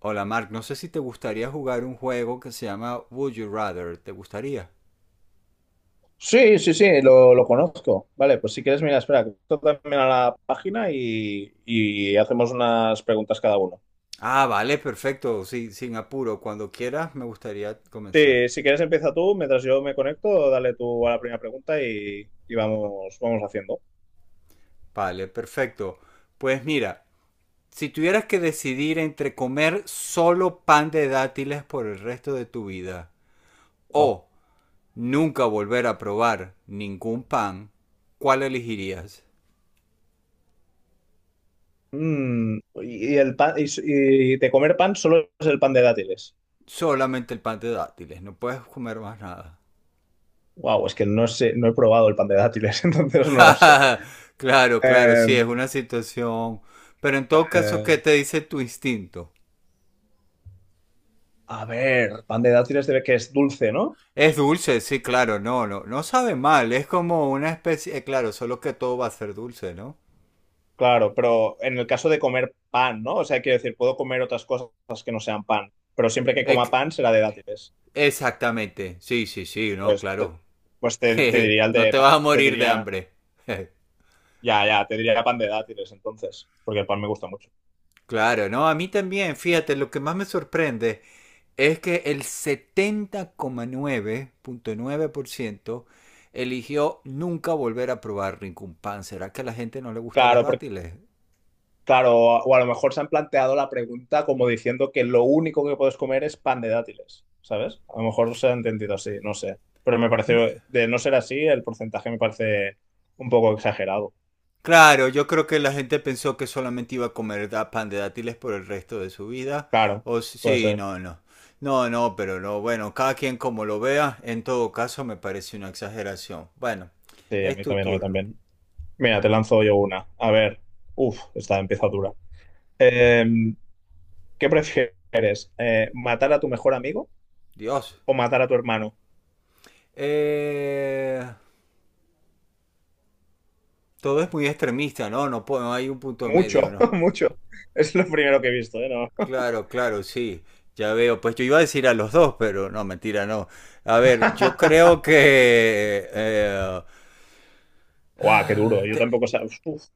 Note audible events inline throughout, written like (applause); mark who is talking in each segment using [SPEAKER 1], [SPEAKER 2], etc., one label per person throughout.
[SPEAKER 1] Hola Mark, no sé si te gustaría jugar un juego que se llama Would You Rather. ¿Te gustaría?
[SPEAKER 2] Sí, sí, sí, lo conozco. Vale, pues si quieres, mira, espera, que esto también a la página y hacemos unas preguntas cada uno.
[SPEAKER 1] Ah, vale, perfecto. Sí, sin apuro. Cuando quieras, me gustaría comenzar.
[SPEAKER 2] Sí, si quieres, empieza tú, mientras yo me conecto, dale tú a la primera pregunta y vamos haciendo.
[SPEAKER 1] Vale, perfecto. Pues mira, si tuvieras que decidir entre comer solo pan de dátiles por el resto de tu vida
[SPEAKER 2] Wow.
[SPEAKER 1] o nunca volver a probar ningún pan, ¿cuál elegirías?
[SPEAKER 2] Y el pan, y de comer pan solo es el pan de dátiles.
[SPEAKER 1] Solamente el pan de dátiles, no puedes comer más nada.
[SPEAKER 2] Wow, es que no sé, no he probado el pan de dátiles, (laughs) entonces no lo sé.
[SPEAKER 1] (laughs) Claro, claro,
[SPEAKER 2] Eh,
[SPEAKER 1] sí, es una situación. Pero en todo caso, ¿qué
[SPEAKER 2] eh,
[SPEAKER 1] te dice tu instinto?
[SPEAKER 2] a ver, pan de dátiles debe que es dulce, ¿no?
[SPEAKER 1] Es dulce, sí, claro, no, no, no sabe mal, es como una especie, claro, solo que todo va a ser dulce, ¿no?
[SPEAKER 2] Claro, pero en el caso de comer pan, ¿no? O sea, quiero decir, puedo comer otras cosas que no sean pan, pero siempre que coma
[SPEAKER 1] Ec-
[SPEAKER 2] pan será de dátiles.
[SPEAKER 1] exactamente, sí, sí, sí, no,
[SPEAKER 2] Pues, te-
[SPEAKER 1] claro.
[SPEAKER 2] pues te
[SPEAKER 1] (laughs)
[SPEAKER 2] diría el
[SPEAKER 1] No
[SPEAKER 2] de,
[SPEAKER 1] te vas a
[SPEAKER 2] te
[SPEAKER 1] morir de
[SPEAKER 2] diría,
[SPEAKER 1] hambre. (laughs)
[SPEAKER 2] ya, ya, te diría pan de dátiles entonces, porque el pan me gusta mucho.
[SPEAKER 1] Claro, no, a mí también, fíjate, lo que más me sorprende es que el setenta coma nueve nueve punto nueve por ciento eligió nunca volver a probar ningún pan. ¿Será que a la gente no le gustan los
[SPEAKER 2] Claro, porque,
[SPEAKER 1] dátiles?
[SPEAKER 2] claro, o a lo mejor se han planteado la pregunta como diciendo que lo único que puedes comer es pan de dátiles, ¿sabes? A lo mejor se ha entendido así, no sé. Pero me pareció, de no ser así, el porcentaje me parece un poco exagerado.
[SPEAKER 1] Claro, yo creo que la gente pensó que solamente iba a comer pan de dátiles por el resto de su vida.
[SPEAKER 2] Claro,
[SPEAKER 1] O s-
[SPEAKER 2] puede
[SPEAKER 1] sí,
[SPEAKER 2] ser.
[SPEAKER 1] no, no. No, no, pero no. Bueno, cada quien como lo vea, en todo caso me parece una exageración. Bueno,
[SPEAKER 2] Sí, a
[SPEAKER 1] es
[SPEAKER 2] mí
[SPEAKER 1] tu
[SPEAKER 2] también, a mí
[SPEAKER 1] turno.
[SPEAKER 2] también. Mira, te lanzo yo una. A ver, uf, esta empieza dura. Eh, ¿Qué prefieres? ¿Matar a tu mejor amigo
[SPEAKER 1] Dios.
[SPEAKER 2] o matar a tu hermano?
[SPEAKER 1] Eh, Todo es muy extremista, ¿no? No, no hay un punto
[SPEAKER 2] Mucho,
[SPEAKER 1] medio, ¿no?
[SPEAKER 2] (laughs) mucho. Es lo primero que he visto, ¿eh? No.
[SPEAKER 1] Claro, claro, sí. Ya veo. Pues yo iba a decir a los dos, pero no, mentira, no. A ver, yo
[SPEAKER 2] (laughs)
[SPEAKER 1] creo que
[SPEAKER 2] Guau, qué duro.
[SPEAKER 1] ah,
[SPEAKER 2] Yo
[SPEAKER 1] te-
[SPEAKER 2] tampoco. Uf.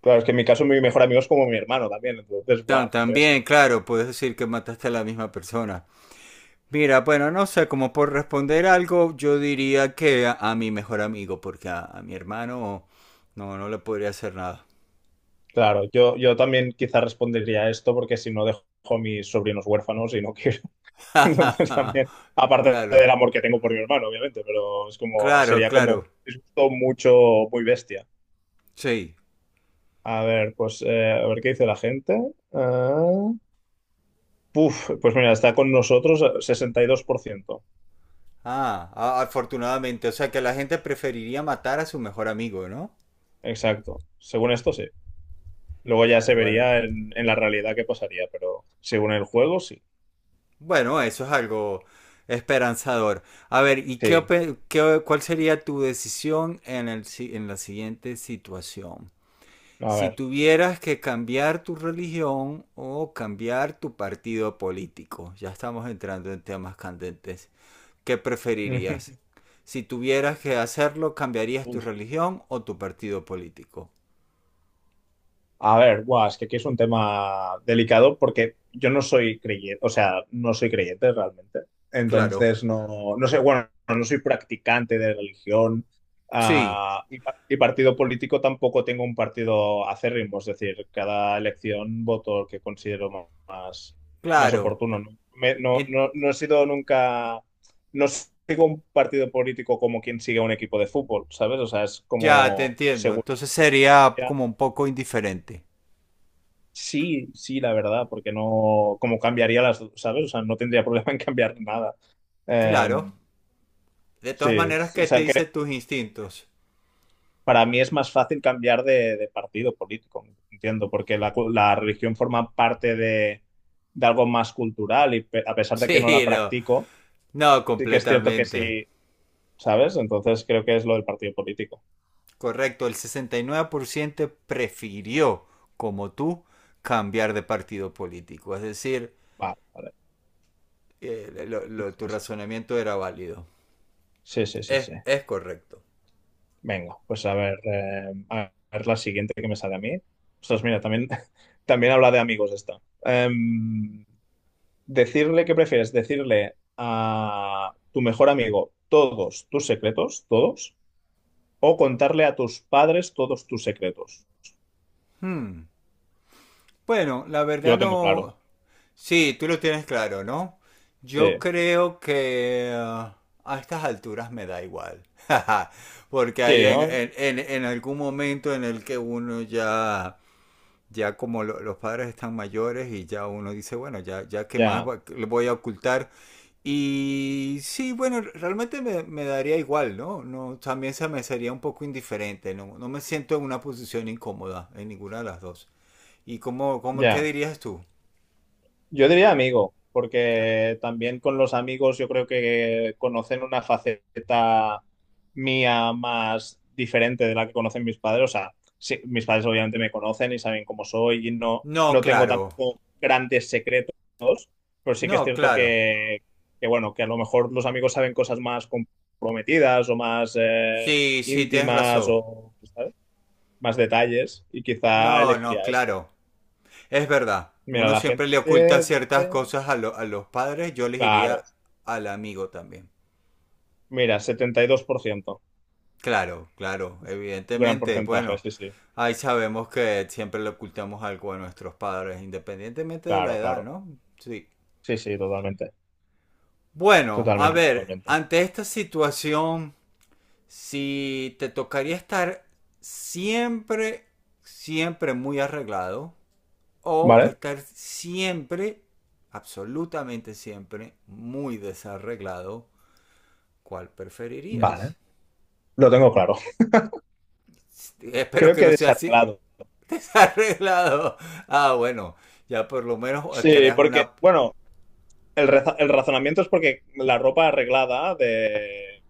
[SPEAKER 2] Claro, es que en mi caso mi mejor amigo es como mi hermano también. Entonces, guau, qué
[SPEAKER 1] también,
[SPEAKER 2] bestia.
[SPEAKER 1] claro, puedes decir que mataste a la misma persona. Mira, bueno, no sé, como por responder algo, yo diría que a mi mejor amigo, porque a mi hermano no le podría hacer nada.
[SPEAKER 2] Claro, yo también quizás respondería a esto porque si no dejo a mis sobrinos huérfanos y no (laughs) (laughs) Entonces también,
[SPEAKER 1] (laughs)
[SPEAKER 2] aparte
[SPEAKER 1] Claro,
[SPEAKER 2] del amor que tengo por mi hermano, obviamente, pero es como,
[SPEAKER 1] claro,
[SPEAKER 2] sería
[SPEAKER 1] claro,
[SPEAKER 2] como, es justo mucho, muy bestia.
[SPEAKER 1] sí.
[SPEAKER 2] A ver, pues, a ver qué dice la gente. Ah, puf, pues mira, está con nosotros 62%.
[SPEAKER 1] Ah, afortunadamente, o sea que la gente preferiría matar a su mejor amigo, ¿no?
[SPEAKER 2] Exacto. Según esto, sí. Luego ya se
[SPEAKER 1] Vale, bueno.
[SPEAKER 2] vería en, la realidad qué pasaría, pero según el juego, sí.
[SPEAKER 1] Bueno, eso es algo esperanzador. A ver, ¿y
[SPEAKER 2] Sí.
[SPEAKER 1] cuál sería tu decisión en la siguiente situación?
[SPEAKER 2] A
[SPEAKER 1] Si
[SPEAKER 2] ver.
[SPEAKER 1] tuvieras que cambiar tu religión o cambiar tu partido político, ya estamos entrando en temas candentes, ¿qué preferirías?
[SPEAKER 2] (laughs)
[SPEAKER 1] Si tuvieras que hacerlo, ¿cambiarías tu religión o tu partido político?
[SPEAKER 2] A ver, guau, es que aquí es un tema delicado porque yo no soy creyente, o sea, no soy creyente realmente.
[SPEAKER 1] Claro.
[SPEAKER 2] Entonces, no, no sé, bueno, no soy practicante de religión.
[SPEAKER 1] Sí,
[SPEAKER 2] Y partido político tampoco tengo un partido acérrimo, es decir, cada elección voto el que considero más
[SPEAKER 1] claro,
[SPEAKER 2] oportuno, ¿no? No,
[SPEAKER 1] en-
[SPEAKER 2] no, no he sido nunca, no sigo un partido político como quien sigue a un equipo de fútbol, ¿sabes? O sea, es
[SPEAKER 1] ya te
[SPEAKER 2] como
[SPEAKER 1] entiendo.
[SPEAKER 2] seguridad.
[SPEAKER 1] Entonces sería como un poco indiferente.
[SPEAKER 2] Sí, sí, la verdad, porque no, como cambiaría las, dos, ¿sabes? O sea, no tendría (laughs) problema en cambiar nada. Eh,
[SPEAKER 1] Claro. De
[SPEAKER 2] sí,
[SPEAKER 1] todas maneras,
[SPEAKER 2] o
[SPEAKER 1] ¿qué te
[SPEAKER 2] sea que
[SPEAKER 1] dicen tus instintos? (laughs)
[SPEAKER 2] para mí es más fácil cambiar de, partido político, entiendo, porque la, la religión forma parte de algo más cultural y a pesar de que no la
[SPEAKER 1] Sí, no.
[SPEAKER 2] practico,
[SPEAKER 1] No,
[SPEAKER 2] sí que es cierto que
[SPEAKER 1] completamente.
[SPEAKER 2] sí, ¿sabes? Entonces creo que es lo del partido político.
[SPEAKER 1] Correcto, el 69% prefirió, como tú, cambiar de partido político. Es decir,
[SPEAKER 2] Vale, vale.
[SPEAKER 1] tu
[SPEAKER 2] Sí,
[SPEAKER 1] razonamiento era válido.
[SPEAKER 2] sí, sí, sí, sí, sí,
[SPEAKER 1] Es,
[SPEAKER 2] sí.
[SPEAKER 1] es correcto.
[SPEAKER 2] Venga, pues a ver la siguiente que me sale a mí. Ostras, mira, también, (laughs) también habla de amigos esta. Decirle qué prefieres, decirle a tu mejor amigo todos tus secretos, todos, o contarle a tus padres todos tus secretos.
[SPEAKER 1] Hmm. Bueno, la
[SPEAKER 2] Yo
[SPEAKER 1] verdad
[SPEAKER 2] lo tengo claro.
[SPEAKER 1] no. Sí, tú lo tienes claro, ¿no?
[SPEAKER 2] Sí,
[SPEAKER 1] Yo creo que a estas alturas me da igual. (laughs) Porque hay
[SPEAKER 2] sí, ¿no?
[SPEAKER 1] en algún momento en el que uno ya como los padres están mayores y ya uno dice, bueno, ya qué más
[SPEAKER 2] Ya,
[SPEAKER 1] le voy a ocultar. Y sí, bueno, realmente me daría igual, ¿no? No, también se me sería un poco indiferente, no, no me siento en una posición incómoda en ninguna de las dos. ¿Y qué
[SPEAKER 2] ya.
[SPEAKER 1] dirías tú?
[SPEAKER 2] Yo diría amigo, porque también con los amigos yo creo que conocen una faceta mía más diferente de la que conocen mis padres. O sea, sí, mis padres obviamente me conocen y saben cómo soy y no,
[SPEAKER 1] No,
[SPEAKER 2] no tengo
[SPEAKER 1] claro.
[SPEAKER 2] tampoco grandes secretos, pero sí que es
[SPEAKER 1] No,
[SPEAKER 2] cierto
[SPEAKER 1] claro.
[SPEAKER 2] que, bueno, que a lo mejor los amigos saben cosas más comprometidas o más
[SPEAKER 1] Sí, sí, tienes
[SPEAKER 2] íntimas
[SPEAKER 1] razón.
[SPEAKER 2] o, ¿sabes? Más detalles y quizá
[SPEAKER 1] No, no,
[SPEAKER 2] elegiría esto.
[SPEAKER 1] claro. Es verdad.
[SPEAKER 2] Mira,
[SPEAKER 1] Uno
[SPEAKER 2] la gente
[SPEAKER 1] siempre le oculta ciertas
[SPEAKER 2] dice,
[SPEAKER 1] cosas a los padres. Yo les
[SPEAKER 2] claro.
[SPEAKER 1] diría al amigo también.
[SPEAKER 2] Mira, 72%,
[SPEAKER 1] Claro, claro.
[SPEAKER 2] gran
[SPEAKER 1] Evidentemente,
[SPEAKER 2] porcentaje,
[SPEAKER 1] bueno.
[SPEAKER 2] sí, sí,
[SPEAKER 1] Ahí sabemos que siempre le ocultamos algo a nuestros padres, independientemente de la
[SPEAKER 2] claro,
[SPEAKER 1] edad,
[SPEAKER 2] claro,
[SPEAKER 1] ¿no? Sí.
[SPEAKER 2] sí, sí, totalmente,
[SPEAKER 1] Bueno, a
[SPEAKER 2] totalmente,
[SPEAKER 1] ver,
[SPEAKER 2] totalmente.
[SPEAKER 1] ante esta situación si te tocaría estar siempre, siempre muy arreglado o
[SPEAKER 2] Vale,
[SPEAKER 1] estar siempre, absolutamente siempre, muy desarreglado, ¿cuál
[SPEAKER 2] vale,
[SPEAKER 1] preferirías?
[SPEAKER 2] lo tengo claro.
[SPEAKER 1] Espero
[SPEAKER 2] Creo
[SPEAKER 1] que
[SPEAKER 2] que he
[SPEAKER 1] no sea así.
[SPEAKER 2] desarreglado.
[SPEAKER 1] (laughs) Desarreglado. Ah, bueno, ya por lo menos
[SPEAKER 2] Sí,
[SPEAKER 1] creas
[SPEAKER 2] porque,
[SPEAKER 1] una.
[SPEAKER 2] bueno, el razonamiento es porque la ropa arreglada de,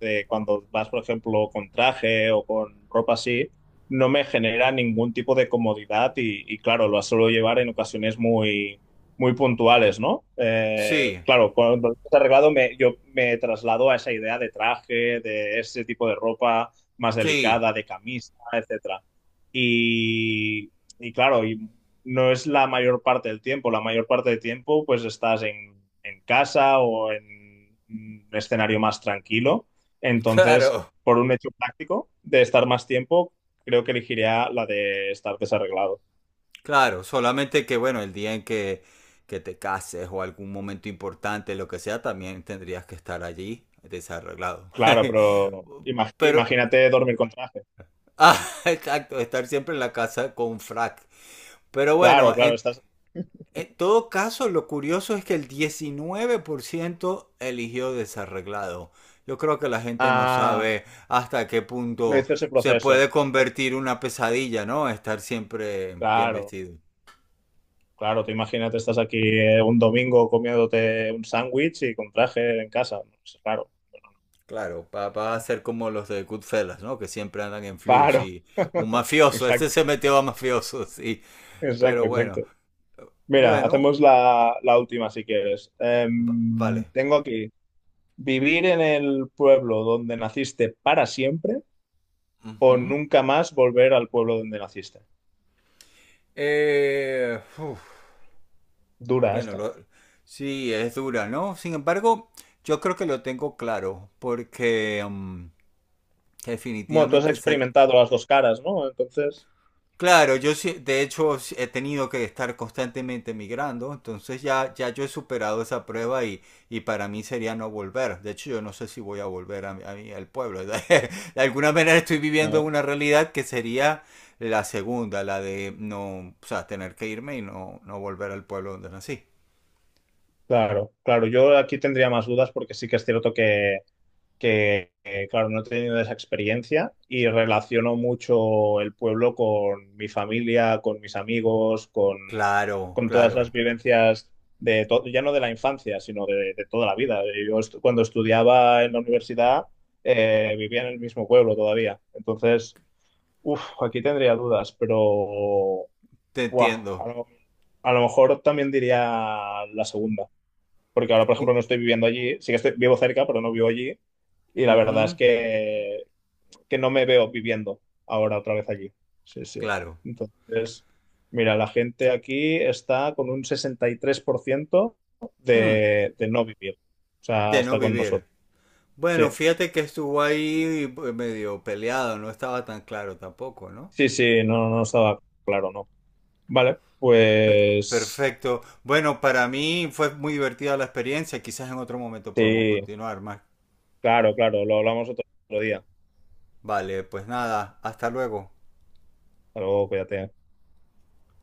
[SPEAKER 2] de cuando vas, por ejemplo, con traje o con ropa así, no me genera ningún tipo de comodidad claro, lo suelo llevar en ocasiones muy, muy puntuales, ¿no?
[SPEAKER 1] Sí,
[SPEAKER 2] Claro, cuando lo arreglado me, yo me traslado a esa idea de traje, de ese tipo de ropa más
[SPEAKER 1] sí,
[SPEAKER 2] delicada, de camisa, etcétera. Y, y claro, y no es la mayor parte del tiempo. La mayor parte del tiempo, pues estás en casa o en un escenario más tranquilo. Entonces,
[SPEAKER 1] claro.
[SPEAKER 2] por un hecho práctico de estar más tiempo, creo que elegiría la de estar desarreglado.
[SPEAKER 1] Claro, solamente que bueno, el día en que te cases o algún momento importante, lo que sea, también tendrías que estar allí desarreglado.
[SPEAKER 2] Claro, pero
[SPEAKER 1] (laughs) Pero,
[SPEAKER 2] imagínate dormir con traje.
[SPEAKER 1] ah, (laughs) exacto, estar siempre en la casa con frac. Pero
[SPEAKER 2] Claro,
[SPEAKER 1] bueno,
[SPEAKER 2] claro,
[SPEAKER 1] en,
[SPEAKER 2] estás.
[SPEAKER 1] en todo caso, lo curioso es que el 19% eligió desarreglado. Yo creo que la gente no
[SPEAKER 2] Ah,
[SPEAKER 1] sabe hasta qué
[SPEAKER 2] no
[SPEAKER 1] punto
[SPEAKER 2] hice ese
[SPEAKER 1] se
[SPEAKER 2] proceso.
[SPEAKER 1] puede convertir una pesadilla, ¿no? Estar siempre bien
[SPEAKER 2] Claro,
[SPEAKER 1] vestido.
[SPEAKER 2] claro, tú imagínate, estás aquí un domingo comiéndote un sándwich y con traje en casa. Pues, claro,
[SPEAKER 1] Claro, va a ser como los de Goodfellas, ¿no? Que siempre andan en flux
[SPEAKER 2] claro,
[SPEAKER 1] y un mafioso, (laughs)
[SPEAKER 2] (laughs) exacto.
[SPEAKER 1] este se metió a mafioso, sí. Pero
[SPEAKER 2] Exacto,
[SPEAKER 1] bueno,
[SPEAKER 2] exacto. Mira,
[SPEAKER 1] bueno,
[SPEAKER 2] hacemos la, la última si quieres.
[SPEAKER 1] vale.
[SPEAKER 2] Tengo aquí, ¿vivir en el pueblo donde naciste para siempre o
[SPEAKER 1] Ujú.
[SPEAKER 2] nunca más volver al pueblo donde naciste?
[SPEAKER 1] Uf,
[SPEAKER 2] Dura
[SPEAKER 1] bueno,
[SPEAKER 2] esta.
[SPEAKER 1] sí, es dura, ¿no? Sin embargo, yo creo que lo tengo claro, porque
[SPEAKER 2] Bueno, tú has
[SPEAKER 1] definitivamente se,
[SPEAKER 2] experimentado las dos caras, ¿no? Entonces,
[SPEAKER 1] claro, de hecho sí he tenido que estar constantemente migrando, entonces ya yo he superado esa prueba y para mí sería no volver. De hecho, yo no sé si voy a volver al pueblo. (laughs) De alguna manera estoy viviendo
[SPEAKER 2] vale.
[SPEAKER 1] una realidad que sería la segunda, la de no, o sea, tener que irme y no, no volver al pueblo donde nací.
[SPEAKER 2] Claro, claro, yo aquí tendría más dudas porque sí que es cierto claro, no he tenido esa experiencia y relaciono mucho el pueblo con mi familia, con mis amigos, con,
[SPEAKER 1] Claro,
[SPEAKER 2] con todas
[SPEAKER 1] claro,
[SPEAKER 2] las vivencias de todo, ya no de la infancia, sino de toda la vida. Cuando estudiaba en la universidad vivía en el mismo pueblo todavía. Entonces, uff, aquí tendría dudas, pero
[SPEAKER 1] te
[SPEAKER 2] buah, a
[SPEAKER 1] entiendo.
[SPEAKER 2] lo, a lo mejor también diría la segunda. Porque ahora, por
[SPEAKER 1] O-
[SPEAKER 2] ejemplo, no estoy viviendo allí. Sí que estoy, vivo cerca, pero no vivo allí. Y la verdad es
[SPEAKER 1] ujú,
[SPEAKER 2] que, no me veo viviendo ahora otra vez allí. Sí, sí.
[SPEAKER 1] claro.
[SPEAKER 2] Entonces, mira, la gente aquí está con un 63%
[SPEAKER 1] Hmm,
[SPEAKER 2] de no vivir. O sea,
[SPEAKER 1] de no
[SPEAKER 2] está con
[SPEAKER 1] vivir.
[SPEAKER 2] nosotros. Sí,
[SPEAKER 1] Bueno, fíjate que estuvo ahí pues, medio peleado, no estaba tan claro tampoco, ¿no?
[SPEAKER 2] sí, sí, no, no estaba claro, no. Vale,
[SPEAKER 1] Pe-
[SPEAKER 2] pues
[SPEAKER 1] perfecto. Bueno, para mí fue muy divertida la experiencia, quizás en otro momento podemos
[SPEAKER 2] sí,
[SPEAKER 1] continuar más.
[SPEAKER 2] claro, claro, lo hablamos otro día.
[SPEAKER 1] Vale, pues nada, hasta luego.
[SPEAKER 2] Hasta luego, cuídate.